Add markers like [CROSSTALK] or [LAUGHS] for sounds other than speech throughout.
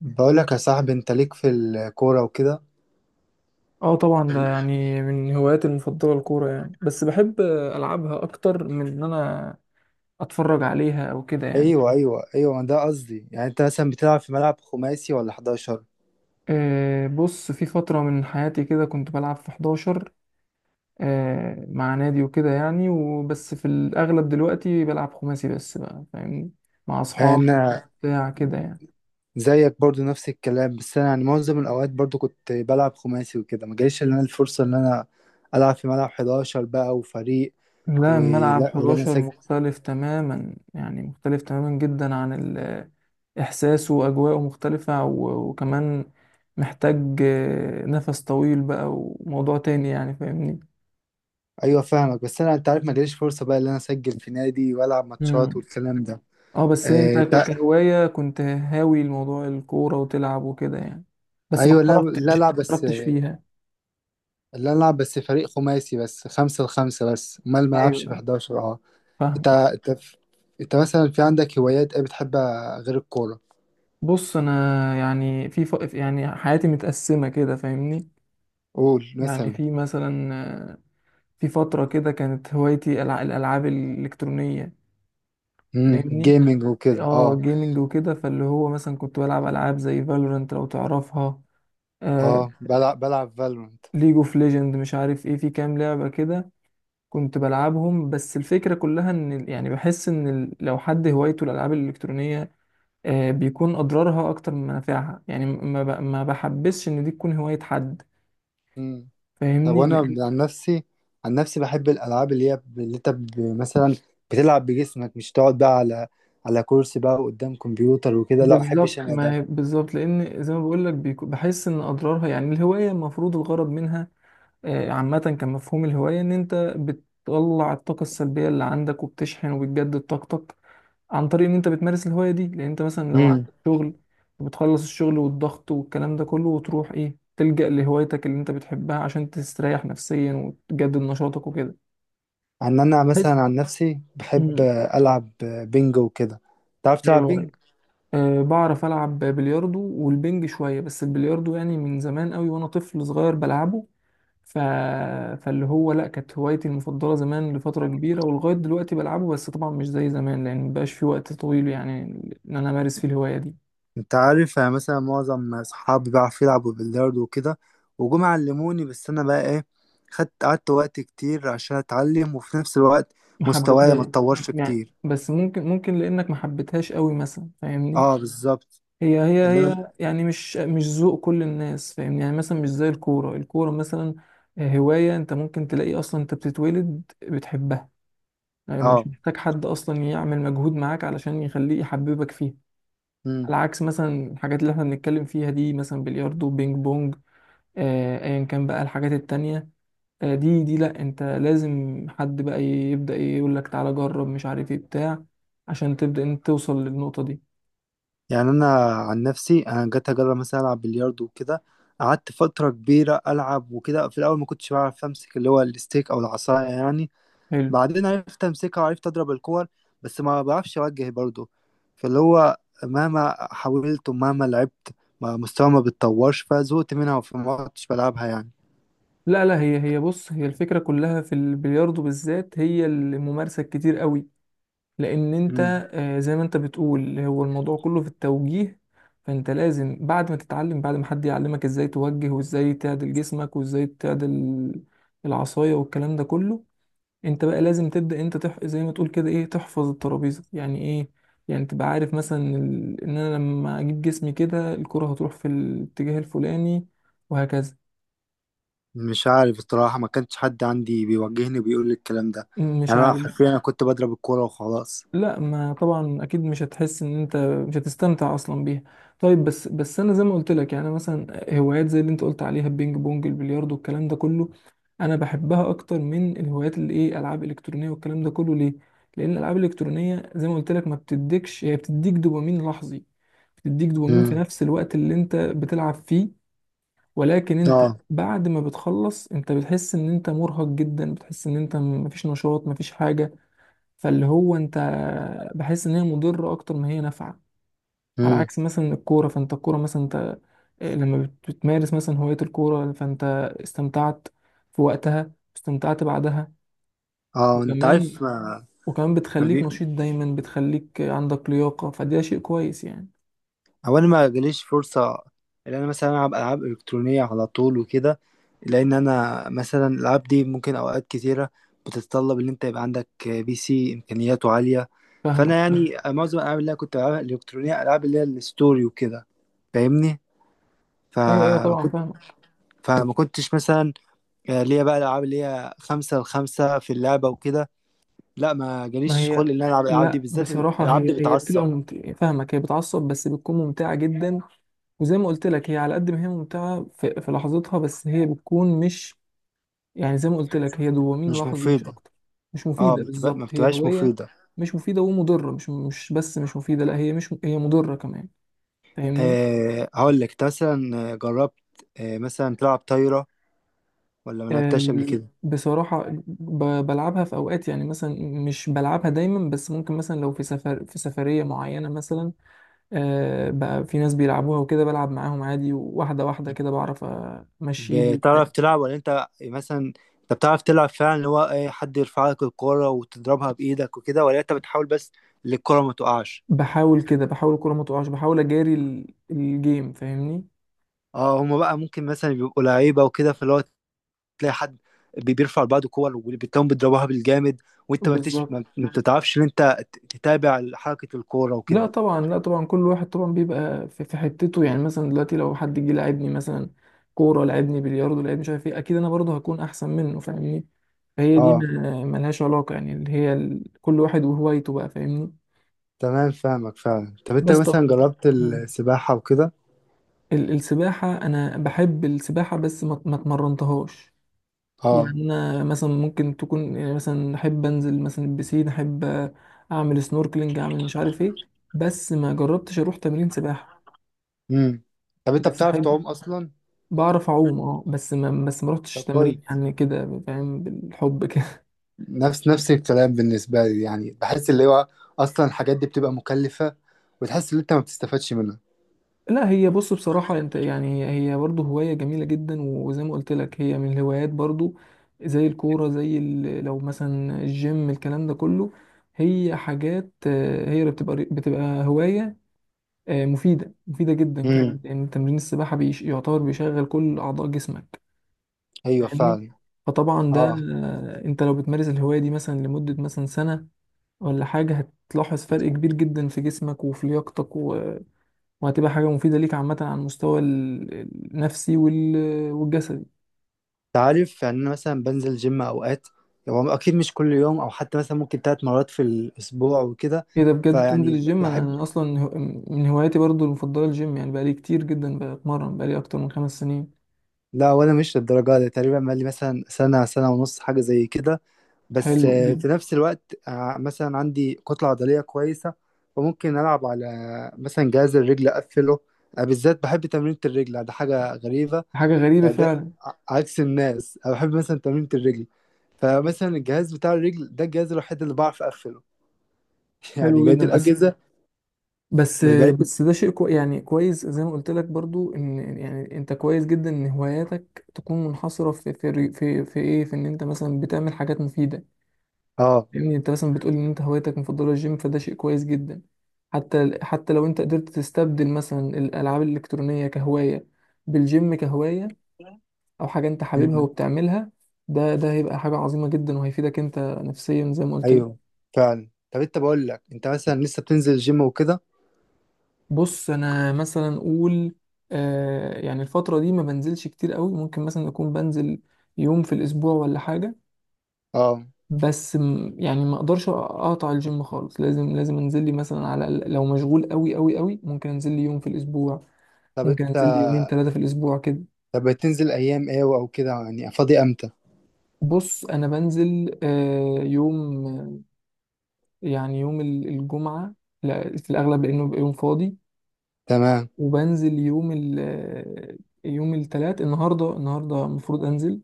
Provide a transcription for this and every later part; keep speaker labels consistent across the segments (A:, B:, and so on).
A: بقول لك يا صاحبي، انت ليك في الكوره وكده.
B: اه طبعا ده يعني من هواياتي المفضلة الكورة، يعني بس بحب ألعبها أكتر من إن أنا أتفرج عليها أو كده يعني.
A: ايوه، ايوه، ايوه، ده قصدي. يعني انت مثلا بتلعب في ملعب خماسي ولا 11؟
B: بص، في فترة من حياتي كده كنت بلعب في 11، مع نادي وكده يعني. وبس في الأغلب دلوقتي بلعب خماسي بس بقى، فاهمني، مع أصحابي مع
A: انا
B: بتاع كده يعني.
A: زيك برضو نفس الكلام. بس انا يعني معظم الاوقات برضو كنت بلعب خماسي وكده، ما جاليش اللي انا الفرصه ان انا العب في ملعب 11 بقى وفريق.
B: لا، الملعب
A: ولا انا
B: 11
A: اسجل.
B: مختلف تماما، يعني مختلف تماما جدا عن إحساس وأجواءه مختلفة، وكمان محتاج نفس طويل بقى وموضوع تاني يعني، فاهمني.
A: ايوه، فاهمك. بس انا انت عارف، ما جاليش فرصه بقى ان انا اسجل في نادي والعب ماتشات
B: مم.
A: والكلام ده.
B: اه بس انت
A: آه، تع-
B: كهواية كنت هاوي الموضوع الكورة وتلعب وكده يعني. بس ما
A: ايوه، لا، لا،
B: احترفتش، ما
A: العب بس.
B: احترفتش فيها.
A: اللي أنا ألعب بس فريق خماسي، بس خمسة لخمسة، بس أمال ما
B: ايوه،
A: ألعبش في 11؟ أه.
B: فاهم.
A: أنت أنت أنت مثلا في عندك هوايات إيه بتحبها غير الكورة؟
B: بص انا يعني يعني حياتي متقسمة كده، فاهمني.
A: قول
B: يعني
A: مثلا.
B: في مثلا آه، في فترة كده كانت هوايتي الالعاب الالكترونية، فاهمني.
A: جيمنج وكده،
B: اه،
A: أه.
B: جيمنج وكده، فاللي هو مثلا كنت بلعب العاب زي فالورانت لو تعرفها. آه،
A: أه، بلعب فالورنت.
B: ليج اوف ليجند، مش عارف ايه، في كام لعبه كده كنت بلعبهم. بس الفكره كلها ان يعني بحس ان لو حد هوايته الالعاب الالكترونيه بيكون اضرارها اكتر من منافعها، يعني ما بحبسش ان دي تكون هوايه حد،
A: امم. طب
B: فاهمني،
A: وأنا
B: لان
A: عن نفسي عن نفسي بحب الألعاب، مثلا بتلعب بجسمك، مش تقعد بقى على كرسي بقى قدام كمبيوتر وكده. لا، ما بحبش أنا ده.
B: بالظبط لان زي ما بقول لك بحس ان اضرارها، يعني الهوايه المفروض الغرض منها عامة كان مفهوم الهواية إن أنت بتطلع الطاقة السلبية اللي عندك وبتشحن وبتجدد طاقتك عن طريق إن أنت بتمارس الهواية دي. لأن أنت مثلا لو عندك
A: امم.
B: شغل بتخلص الشغل والضغط والكلام ده كله وتروح إيه تلجأ لهوايتك اللي أنت بتحبها عشان تستريح نفسيا وتجدد نشاطك وكده.
A: عن أنا مثلا
B: بحس.
A: عن نفسي بحب
B: مم.
A: ألعب بينجو وكده. تعرف تلعب
B: أيوه.
A: بينج؟
B: أه، بعرف ألعب بلياردو والبنج شوية، بس البلياردو يعني من زمان قوي وأنا طفل صغير بلعبه. ف... فاللي هو لا، كانت هوايتي المفضلة زمان لفترة كبيرة، ولغاية دلوقتي بلعبه. بس طبعا مش زي زمان لأن مبقاش في وقت طويل يعني إن أنا أمارس فيه الهواية دي.
A: انت عارف، يعني مثلا معظم اصحابي بيعرفوا يلعبوا بلياردو وكده، وجم علموني. بس انا بقى ايه، خدت قعدت وقت كتير عشان اتعلم، وفي نفس الوقت
B: ما
A: مستواي ما
B: حبيتها
A: اتطورش
B: يعني،
A: كتير.
B: بس ممكن لأنك ما حبيتهاش قوي مثلا، فاهمني.
A: اه، بالظبط.
B: هي هي
A: اللي انا
B: هي يعني مش ذوق كل الناس، فاهمني. يعني مثلا مش زي الكورة، الكورة مثلا هواية أنت ممكن تلاقي أصلا أنت بتتولد بتحبها. يعني مش
A: اه
B: محتاج حد أصلا يعمل مجهود معاك علشان يخليه يحببك فيها.
A: امم
B: على عكس مثلا الحاجات اللي احنا بنتكلم فيها دي، مثلا بلياردو، بينج بونج، ايا كان بقى الحاجات التانية. دي لا، انت لازم حد بقى يبدأ يقول لك تعالى جرب، مش عارف ايه، بتاع، عشان تبدأ انت توصل للنقطة دي.
A: يعني انا عن نفسي، انا جيت اجرب مثلا العب بلياردو وكده. قعدت فترة كبيرة العب وكده. في الاول ما كنتش بعرف امسك اللي هو الستيك او العصاية يعني.
B: حلو.
A: بعدين عرفت امسكها وعرفت اضرب الكور. بس ما بعرفش اوجه برضه. فاللي هو مهما حاولت ومهما لعبت، ما مستواي ما بيتطورش، فزهقت منها فما كنتش بلعبها يعني.
B: لا لا، هي بص، هي الفكرة كلها في البلياردو بالذات هي الممارسة الكتير قوي لان انت
A: مم.
B: زي ما انت بتقول هو الموضوع كله في التوجيه. فانت لازم بعد ما تتعلم، بعد ما حد يعلمك ازاي توجه وازاي تعدل جسمك وازاي تعدل العصاية والكلام ده كله، انت بقى لازم تبدأ انت زي ما تقول كده ايه، تحفظ الترابيزة، يعني ايه، يعني تبقى عارف مثلا ان انا لما اجيب جسمي كده الكرة هتروح في الاتجاه الفلاني، وهكذا.
A: مش عارف الصراحة، ما كانش حد عندي بيوجهني وبيقول لي الكلام ده.
B: مش
A: يعني انا
B: عارف.
A: حرفيا انا كنت بضرب الكورة وخلاص.
B: لا، ما طبعا اكيد مش هتحس ان انت مش هتستمتع اصلا بيها. طيب، بس انا زي ما قلت لك يعني مثلا هوايات زي اللي انت قلت عليها، البينج بونج، البلياردو، الكلام ده كله، انا بحبها اكتر من الهوايات اللي ايه العاب الكترونيه والكلام ده كله. ليه؟ لان الالعاب الالكترونيه زي ما قلت لك ما بتديكش، هي بتديك دوبامين لحظي، بتديك دوبامين في
A: مم.
B: نفس الوقت اللي انت بتلعب فيه. ولكن انت
A: اه.
B: بعد ما بتخلص انت بتحس ان انت مرهق جدا، بتحس ان انت مفيش نشاط مفيش حاجه. فاللي هو انت بحس ان هي مضره اكتر ما هي نافعه. على
A: مم.
B: عكس مثلا الكوره، فانت الكوره مثلا انت لما بتمارس مثلا هوايه الكوره، فانت استمتعت في وقتها، استمتعت بعدها.
A: اه، انت
B: وكمان
A: عارف ما،
B: وكمان بتخليك نشيط دايما، بتخليك عندك لياقه، فده شيء كويس يعني.
A: هو انا ما جاليش فرصه ان انا مثلا العب العاب الكترونيه على طول وكده. لان انا مثلا الالعاب دي ممكن اوقات كتيره بتتطلب ان انت يبقى عندك PC امكانياته عاليه. فانا
B: فاهمك.
A: يعني معظم الالعاب اللي انا كنت بلعبها الالكترونيه، العاب اللي هي الستوري وكده، فاهمني.
B: ايوه
A: فما
B: طبعا،
A: كنت
B: فاهمك.
A: فما كنتش مثلا ليا بقى الالعاب اللي هي خمسة لخمسة في اللعبة وكده. لا، ما
B: ما
A: جاليش
B: هي
A: خلق ان انا العب الالعاب دي،
B: لا،
A: بالذات
B: بصراحة
A: الالعاب دي
B: هي بتبقى
A: بتعصب.
B: ممتعة، فاهمك، هي بتعصب بس بتكون ممتعة جدا. وزي ما قلت لك هي على قد ما هي ممتعة في لحظتها، بس هي بتكون مش، يعني زي ما قلت لك هي دوبامين
A: مش
B: لحظي مش
A: مفيدة.
B: اكتر. مش
A: اه،
B: مفيده
A: ما
B: بالظبط، هي
A: بتبقاش
B: هوايه
A: مفيدة.
B: مش مفيده ومضره، مش بس مش مفيده، لا هي مش هي مضره كمان، فاهمني.
A: أه، هقول لك، انت مثلا جربت مثلا تلعب طايرة ولا ما لعبتهاش قبل كده؟
B: بصراحه بلعبها في اوقات يعني مثلا، مش بلعبها دايما، بس ممكن مثلا لو في سفر، في سفريه معينه مثلا بقى في ناس بيلعبوها وكده بلعب معاهم عادي، واحده واحده كده بعرف امشي ايدي وبتاع.
A: بتعرف تلعب ولا انت مثلا، انت بتعرف تلعب فعلا اللي هو ايه، حد يرفع لك الكورة وتضربها بإيدك وكده، ولا انت بتحاول بس اللي الكورة ما تقعش؟
B: بحاول كده، بحاول الكوره ما تقعش، بحاول اجاري الجيم، فاهمني.
A: اه، هما بقى ممكن مثلا بيبقوا لعيبة وكده، فاللي هو تلاقي حد بيرفع لبعضه كور وبتلاقيهم بيضربوها بالجامد، وانت ما انتش
B: بالظبط.
A: ما بتتعرفش ان انت تتابع حركة الكورة
B: لا
A: وكده.
B: طبعا، لا طبعا كل واحد طبعا بيبقى في حتته يعني. مثلا دلوقتي لو حد جه لعبني مثلا كوره، لعبني بلياردو، لعبني مش عارف ايه، اكيد انا برضه هكون احسن منه، فاهمني. فهي دي
A: اه،
B: ملهاش علاقه، يعني اللي هي كل واحد وهوايته بقى، فاهمني.
A: تمام، فاهمك فعلا. طب انت
B: بس طبعا.
A: مثلا جربت
B: مم.
A: السباحة وكده؟
B: السباحة أنا بحب السباحة، بس ما اتمرنتهاش
A: اه.
B: يعني. أنا مثلا ممكن تكون، يعني مثلا أحب أنزل مثلا البسين، أحب أعمل سنوركلينج، أعمل مش عارف إيه. بس ما جربتش أروح تمرين سباحة.
A: امم. طب انت
B: بس
A: بتعرف
B: أحب.
A: تعوم اصلا؟
B: بعرف اعوم، اه، بس ما
A: طب
B: رحتش تمرين
A: كويس.
B: يعني، كده فاهم، بالحب كده.
A: نفس الكلام بالنسبه لي، يعني بحس اللي هو اصلا الحاجات دي بتبقى مكلفه، وتحس ان انت ما بتستفادش منها.
B: [LAUGHS] لا، هي بص بصراحة انت يعني هي برضه هواية جميلة جدا. وزي ما قلت لك هي من الهوايات برضه زي الكورة، زي لو مثلا الجيم، الكلام ده كله، هي حاجات هي اللي بتبقى هواية مفيدة، مفيدة جدا كمان
A: امم.
B: لأن تمرين السباحة بيش يعتبر بيشغل كل أعضاء جسمك،
A: ايوه،
B: فاهمني.
A: فعلا.
B: فطبعا ده
A: اه،
B: انت لو بتمارس الهواية دي مثلا لمدة مثلا سنة ولا حاجة هتلاحظ فرق كبير جدا في جسمك وفي لياقتك وهتبقى حاجة مفيدة ليك عامة على المستوى النفسي والجسدي.
A: انت عارف، يعني انا مثلا بنزل جيم اوقات. هو اكيد مش كل يوم، او حتى مثلا ممكن 3 مرات في الاسبوع وكده،
B: ايه ده، بجد تنزل
A: فيعني
B: الجيم؟ انا
A: بحب.
B: أنا اصلا هو- من هواياتي برضو المفضلة الجيم، يعني بقالي كتير جدا بتمرن بقالي اكتر من 5 سنين.
A: لا، ولا مش للدرجه دي تقريبا. بقالي مثلا سنه، سنه ونص، حاجه زي كده. بس
B: حلو جدا.
A: في نفس الوقت مثلا عندي كتلة عضلية كويسة، فممكن ألعب على مثلا جهاز الرجل أقفله. بالذات بحب تمرينة الرجل، ده حاجة غريبة.
B: حاجة غريبة
A: يعني ده
B: فعلا.
A: عكس الناس، أنا بحب مثلا تمرينة الرجل. فمثلا الجهاز بتاع الرجل ده الجهاز الوحيد اللي بعرف أقفله. [LAUGHS] يعني
B: حلو
A: بقية
B: جدا.
A: الأجهزة،
B: بس
A: بقية ال-
B: بس ده شيء يعني كويس، زي ما قلت لك برضو ان يعني انت كويس جدا ان هواياتك تكون منحصرة في ايه، في ان انت مثلا بتعمل حاجات مفيدة.
A: آه.
B: لان انت مثلا بتقول ان انت هوايتك المفضله الجيم، فده شيء كويس جدا. حتى لو انت قدرت تستبدل مثلا الالعاب الالكترونيه كهوايه بالجيم كهوايه، او حاجه انت حاببها
A: مم.
B: وبتعملها، ده هيبقى حاجه عظيمه جدا وهيفيدك انت نفسيا زي ما قلت
A: أيوه،
B: لك.
A: فعلا. طب أنت، بقول لك، أنت مثلا لسه بتنزل الجيم وكده؟
B: بص انا مثلا اقول آه، يعني الفتره دي ما بنزلش كتير قوي. ممكن مثلا اكون بنزل يوم في الاسبوع ولا حاجه.
A: آه.
B: بس يعني ما اقدرش اقطع الجيم خالص، لازم انزل لي مثلا على الأقل، لو مشغول قوي قوي ممكن انزل لي يوم في الاسبوع.
A: طب
B: ممكن
A: أنت
B: انزل لي يومين ثلاثة في الاسبوع كده.
A: طب بتنزل أيام إيه أو كده يعني، فاضي أمتى؟
B: بص انا بنزل يوم، يعني يوم الجمعة، لا في الاغلب لانه بيبقى يوم فاضي.
A: تمام.
B: وبنزل يوم ال آه، يوم الثلاث، النهارده المفروض انزل.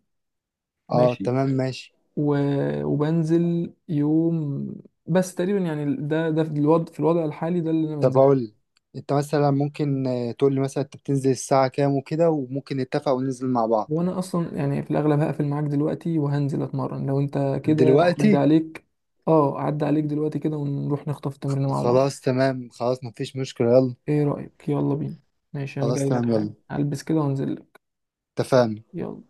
A: اه،
B: ماشي.
A: تمام، ماشي.
B: وبنزل يوم. بس تقريبا يعني ده في الوضع، في الوضع الحالي ده اللي انا
A: طب
B: بنزله.
A: اقول لك، انت مثلا ممكن تقول لي مثلا انت بتنزل الساعة كام وكده، وممكن نتفق وننزل مع بعض؟
B: وانا اصلا يعني في الاغلب هقفل معاك دلوقتي وهنزل اتمرن لو انت كده عدى
A: دلوقتي؟
B: عليك. اه، عدى عليك دلوقتي كده، ونروح نخطف تمرين مع بعض.
A: خلاص، تمام، خلاص، مفيش مشكلة، يلا.
B: ايه رأيك، يلا بينا؟ ماشي، انا
A: خلاص،
B: جاي لك
A: تمام،
B: حالا،
A: يلا.
B: هلبس كده وانزل لك.
A: اتفقنا.
B: يلا.